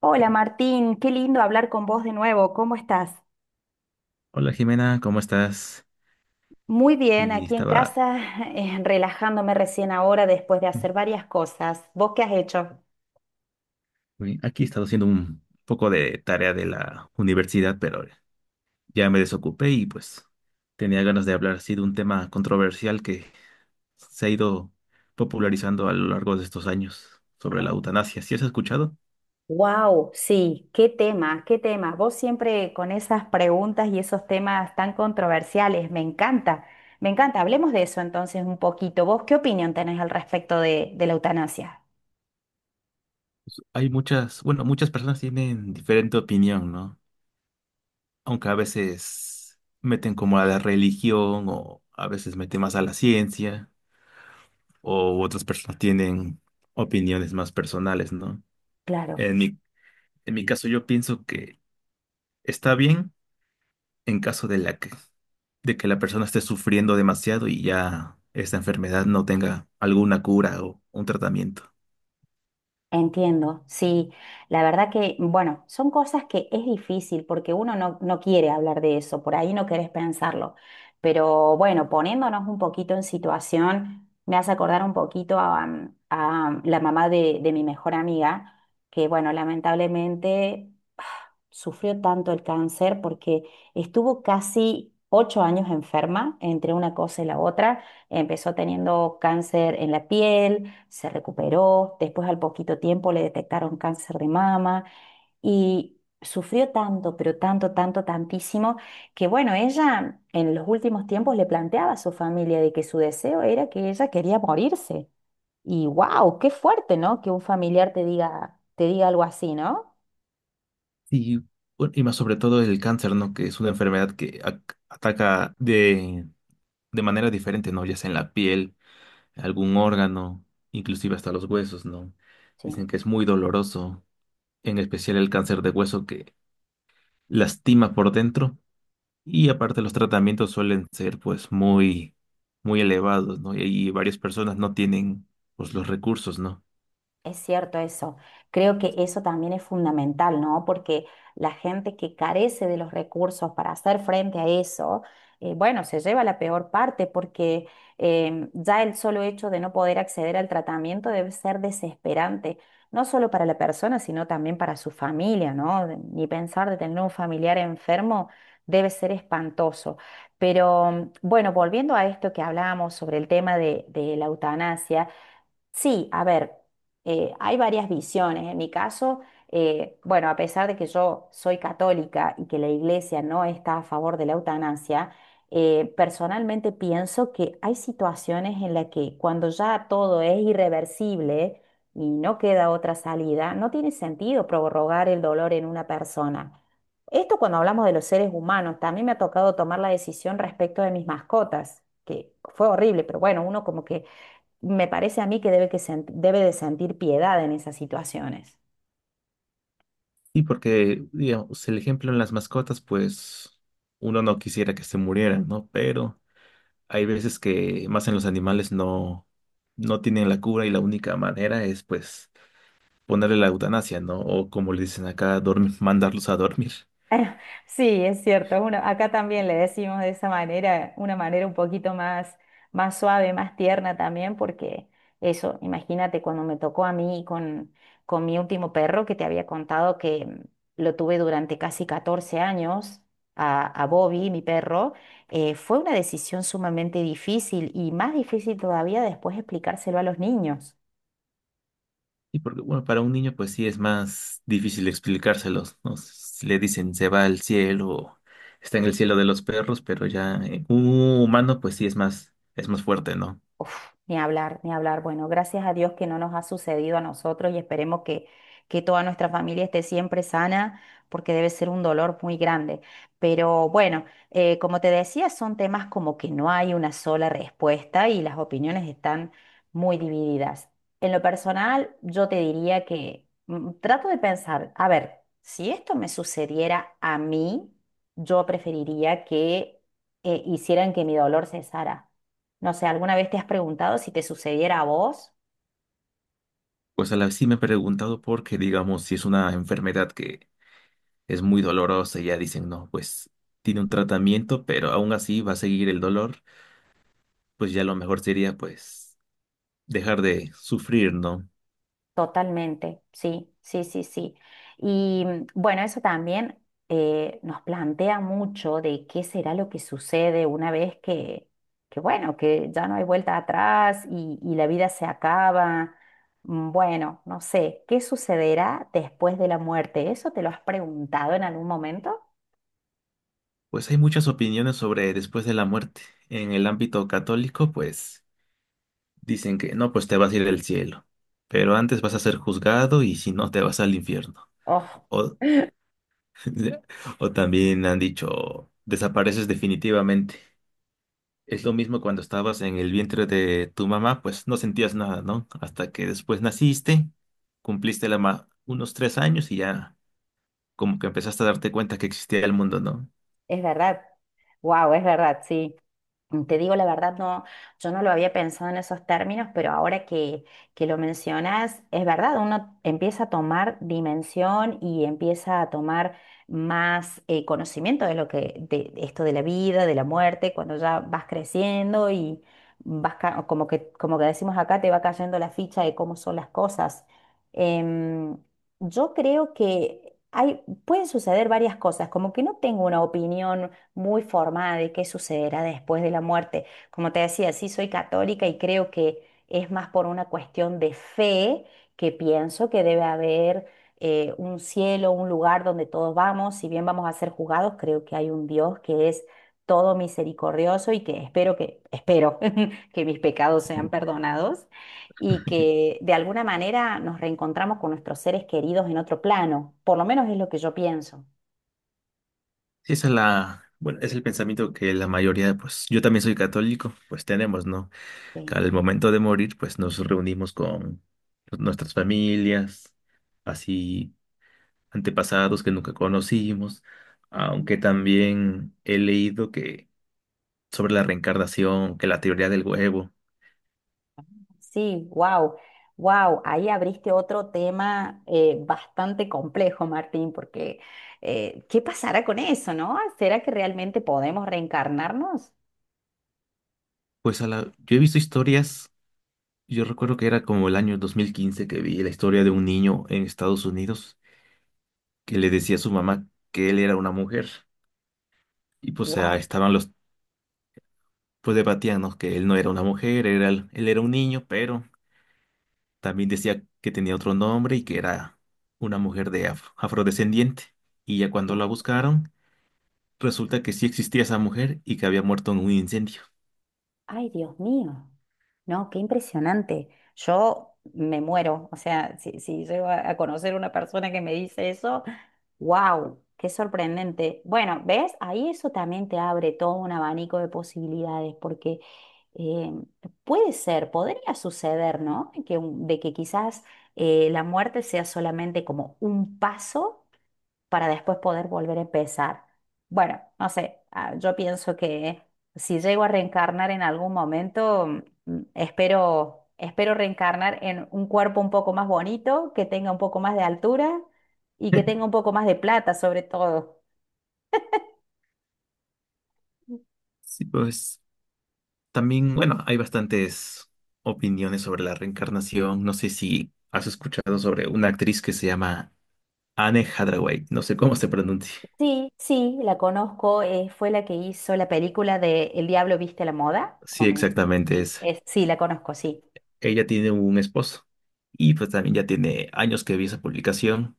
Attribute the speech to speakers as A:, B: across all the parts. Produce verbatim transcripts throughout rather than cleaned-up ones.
A: Hola Martín, qué lindo hablar con vos de nuevo. ¿Cómo estás?
B: Hola Jimena, ¿cómo estás?
A: Muy bien,
B: Y
A: aquí en
B: estaba
A: casa, eh, relajándome recién ahora después de hacer varias cosas. ¿Vos qué has hecho?
B: uy, aquí, he haciendo un poco de tarea de la universidad, pero ya me desocupé y pues tenía ganas de hablar así de un tema controversial que se ha ido popularizando a lo largo de estos años sobre la eutanasia. ¿Sí has escuchado?
A: Wow, sí, qué tema, qué tema. Vos siempre con esas preguntas y esos temas tan controversiales, me encanta, me encanta. Hablemos de eso entonces un poquito. ¿Vos qué opinión tenés al respecto de, de la eutanasia?
B: Pues, Hay muchas, bueno, muchas personas tienen diferente opinión, ¿no? Aunque a veces meten como a la religión o a veces meten más a la ciencia. O otras personas tienen opiniones más personales, ¿no?
A: Claro.
B: En mi, en mi caso, yo pienso que está bien en caso de la que, de que la persona esté sufriendo demasiado y ya esta enfermedad no tenga alguna cura o un tratamiento.
A: Entiendo, sí, la verdad que, bueno, son cosas que es difícil porque uno no, no quiere hablar de eso, por ahí no querés pensarlo, pero bueno, poniéndonos un poquito en situación, me hace acordar un poquito a, mm, a la mamá de, de mi mejor amiga, que bueno, lamentablemente sufrió tanto el cáncer porque estuvo casi ocho años enferma entre una cosa y la otra. Empezó teniendo cáncer en la piel, se recuperó, después al poquito tiempo le detectaron cáncer de mama y sufrió tanto, pero tanto, tanto, tantísimo, que bueno, ella en los últimos tiempos le planteaba a su familia de que su deseo era que ella quería morirse. Y wow, qué fuerte, ¿no? Que un familiar te diga, te diga algo así, ¿no?
B: Y, bueno, y más sobre todo el cáncer, ¿no? Que es una enfermedad que ac- ataca de, de manera diferente, ¿no? Ya sea en la piel, algún órgano, inclusive hasta los huesos, ¿no?
A: Sí.
B: Dicen que es muy doloroso, en especial el cáncer de hueso que lastima por dentro, y aparte los tratamientos suelen ser pues muy muy elevados, ¿no? Y ahí varias personas no tienen pues los recursos, ¿no?
A: Es cierto eso. Creo que eso también es fundamental, ¿no? Porque la gente que carece de los recursos para hacer frente a eso, eh, bueno, se lleva la peor parte porque em, ya el solo hecho de no poder acceder al tratamiento debe ser desesperante, no solo para la persona, sino también para su familia, ¿no? De- Ni pensar de tener un familiar enfermo debe ser espantoso. Pero mm, bueno, volviendo a esto que hablábamos sobre el tema de de la eutanasia. Sí, a ver, eh, hay varias visiones. En mi caso, eh, bueno, a pesar de que yo soy católica y que la iglesia no está a favor de la eutanasia, eh, personalmente pienso que hay situaciones en las que cuando ya todo es irreversible y no queda otra salida, no tiene sentido prorrogar el dolor en una persona. Esto cuando hablamos de los seres humanos, también me ha tocado tomar la decisión respecto de mis mascotas, que fue horrible, pero bueno, uno como que me parece a mí que debe, que sent- debe de sentir piedad en esas situaciones.
B: Y porque, digamos, el ejemplo en las mascotas, pues uno no quisiera que se murieran, ¿no? Pero hay veces que más en los animales no no tienen la cura y la única manera es pues ponerle la eutanasia, ¿no? O como le dicen acá, dormir, mandarlos a dormir.
A: Sí, es cierto. Uno, acá también le decimos de esa manera, una manera un poquito más, más suave, más tierna también, porque eso, imagínate cuando me tocó a mí con, con mi último perro que te había contado que mm, lo tuve durante casi catorce años. A, a Bobby, mi perro, eh, fue una decisión sumamente difícil y más difícil todavía después explicárselo a los niños.
B: Y porque, bueno, para un niño pues sí es más difícil explicárselos, ¿no? Si le dicen se va al cielo, está en el cielo de los perros, pero ya eh, un humano pues sí es más, es más fuerte, ¿no?
A: Uf, ni hablar, ni hablar. Bueno, gracias a Dios que no nos ha sucedido a nosotros y esperemos que, que toda nuestra familia esté siempre sana, porque debe ser un dolor muy grande. Pero bueno, eh, como te decía, son temas como que no hay una sola respuesta y las opiniones están muy divididas. En lo personal, yo te diría que mm, trato de pensar, a ver, si esto me sucediera a mí, yo preferiría que eh, hicieran que mi dolor cesara. No sé, ¿alguna vez te has preguntado si te sucediera a vos?
B: Pues a la vez sí me he preguntado porque, digamos, si es una enfermedad que es muy dolorosa y ya dicen, no, pues tiene un tratamiento, pero aún así va a seguir el dolor, pues ya lo mejor sería pues dejar de sufrir, ¿no?
A: Totalmente, sí, sí, sí, sí. Y mm, bueno, eso también eh, nos plantea mucho de qué será lo que sucede una vez que, que bueno, que ya no hay vuelta atrás y, y la vida se acaba. Mm, Bueno, no sé, ¿qué sucederá después de la muerte? ¿Eso te lo has preguntado en algún momento?
B: Pues hay muchas opiniones sobre después de la muerte. En el ámbito católico, pues... Dicen que no, pues te vas a ir al cielo, pero antes vas a ser juzgado y si no, te vas al infierno.
A: Oh,
B: O o también han dicho, desapareces definitivamente. Es lo mismo cuando estabas en el vientre de tu mamá, pues no sentías nada, ¿no? Hasta que después naciste, cumpliste la ma- unos tres años y ya como que empezaste a darte cuenta que existía el mundo, ¿no?
A: es verdad. Wow, es verdad, sí. Te digo la verdad, no, yo no lo había pensado en esos términos, pero ahora que, que lo mencionas, es verdad, uno empieza a tomar dimensión y empieza a tomar más eh, conocimiento de lo que, de esto de la vida, de la muerte, cuando ya vas creciendo y vas ca- como que, como que decimos acá, te va cayendo la ficha de cómo son las cosas. Em, yo creo que hay, pueden suceder varias cosas, como que no tengo una opinión muy formada de qué sucederá después de la muerte. Como te decía, sí soy católica y creo que es más por una cuestión de fe que pienso que debe haber eh, un cielo, un lugar donde todos vamos, si bien vamos a ser juzgados, creo que hay un Dios que es todo misericordioso y que espero que, espero que mis pecados sean perdonados y que de alguna manera nos reencontramos con nuestros seres queridos en otro plano. Por lo menos es lo que yo pienso.
B: Sí, esa es la, bueno, es el pensamiento que la mayoría, pues yo también soy católico, pues tenemos, ¿no?
A: Sí.
B: Al momento de morir, pues nos reunimos con nuestras familias, así antepasados que nunca conocimos, aunque también he leído que sobre la reencarnación, que la teoría del huevo,
A: Sí, wow, wow, ahí abriste otro tema eh, bastante complejo, Martín, porque eh, ¿qué pasará con eso, no? ¿Será que realmente podemos reencarnarnos?
B: pues a la, yo he visto historias, yo recuerdo que era como el año dos mil quince que vi la historia de un niño en Estados Unidos que le decía a su mamá que él era una mujer y pues ah,
A: Wow,
B: estaban los, pues debatían, ¿no? Que él no era una mujer, era, él era un niño, pero también decía que tenía otro nombre y que era una mujer de af- afrodescendiente. Y ya cuando la
A: wow,
B: buscaron, resulta que sí existía esa mujer y que había muerto en un incendio.
A: ay, Dios mío. No, qué impresionante. Yo me muero. O sea, si, si llego a a conocer una persona que me dice eso, wow, qué sorprendente. Bueno, ¿ves? Ahí eso también te abre todo un abanico de posibilidades, porque eh, puede ser, podría suceder, ¿no? Que, un- de que quizás eh, la muerte sea solamente como un paso para después poder volver a empezar. Bueno, no sé, ah, yo pienso que si llego a reencarnar en algún momento, mm, mm, espero, espero reencarnar en un cuerpo un poco más bonito, que tenga un poco más de altura y que tenga un poco más de plata, sobre todo.
B: Sí, pues también, bueno, hay bastantes opiniones sobre la reencarnación. ¿No sé si has escuchado sobre una actriz que se llama Anne Hathaway? No sé cómo se pronuncia.
A: Sí, sí, la conozco, eh, fue la que hizo la película de El Diablo Viste a la Moda.
B: Sí,
A: con-
B: exactamente
A: Sí,
B: es.
A: es- sí, la conozco, sí.
B: Ella tiene un esposo y pues también ya tiene años que vi esa publicación.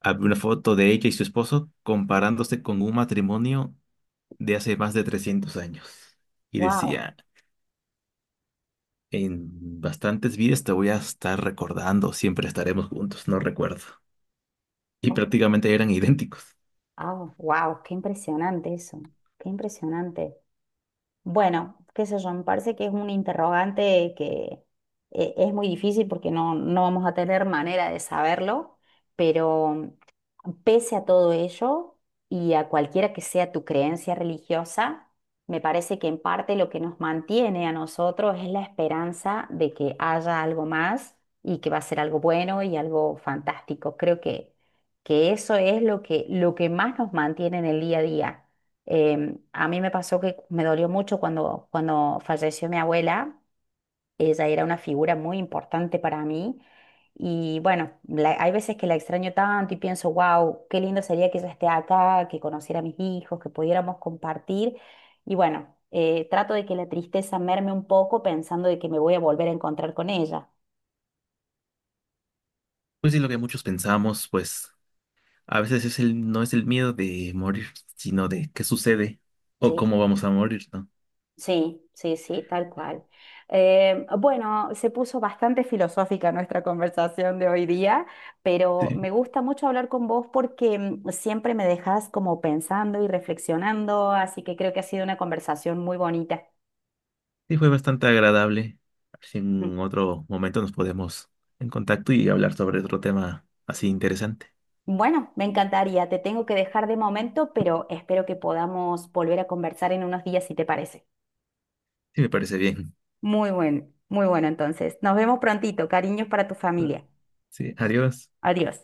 B: Había una foto de ella y su esposo comparándose con un matrimonio de hace más de trescientos años. Y
A: Wow,
B: decía, en bastantes vidas te voy a estar recordando, siempre estaremos juntos, no recuerdo. Y prácticamente eran idénticos.
A: wow, qué impresionante eso, qué impresionante. Bueno, qué sé yo, me parece que es un interrogante que eh, es muy difícil porque no, no vamos a tener manera de saberlo, pero pese a todo ello y a cualquiera que sea tu creencia religiosa, me parece que en parte lo que nos mantiene a nosotros es la esperanza de que haya algo más y que va a ser algo bueno y algo fantástico. Creo que, que eso es lo que, lo que más nos mantiene en el día a día. Em, a mí me pasó que me dolió mucho cuando, cuando falleció mi abuela. Ella era una figura muy importante para mí. Y bueno, la- hay veces que la extraño tanto y pienso, wow, qué lindo sería que ella esté acá, que conociera a mis hijos, que pudiéramos compartir. Y bueno, eh, trato de que la tristeza merme un poco pensando de que me voy a volver a encontrar con ella.
B: Pues sí, lo que muchos pensamos, pues a veces es el, no es el miedo de morir, sino de qué sucede o
A: ¿Sí?
B: cómo vamos a morir, ¿no?
A: Sí, sí, sí, tal cual. Eh, bueno, se puso bastante filosófica nuestra conversación de hoy día, pero
B: Sí,
A: me gusta mucho hablar con vos porque mm, siempre me dejas como pensando y reflexionando, así que creo que ha sido una conversación muy bonita.
B: sí fue bastante agradable. A ver si
A: Mm.
B: en otro momento nos podemos en contacto y hablar sobre otro tema así interesante.
A: Bueno, me encantaría, te tengo que dejar de momento, pero espero que podamos volver a conversar en unos días si te parece.
B: Sí, me parece bien.
A: Muy bueno, muy bueno entonces. Nos vemos prontito, cariños para tu familia.
B: Sí, adiós.
A: Adiós.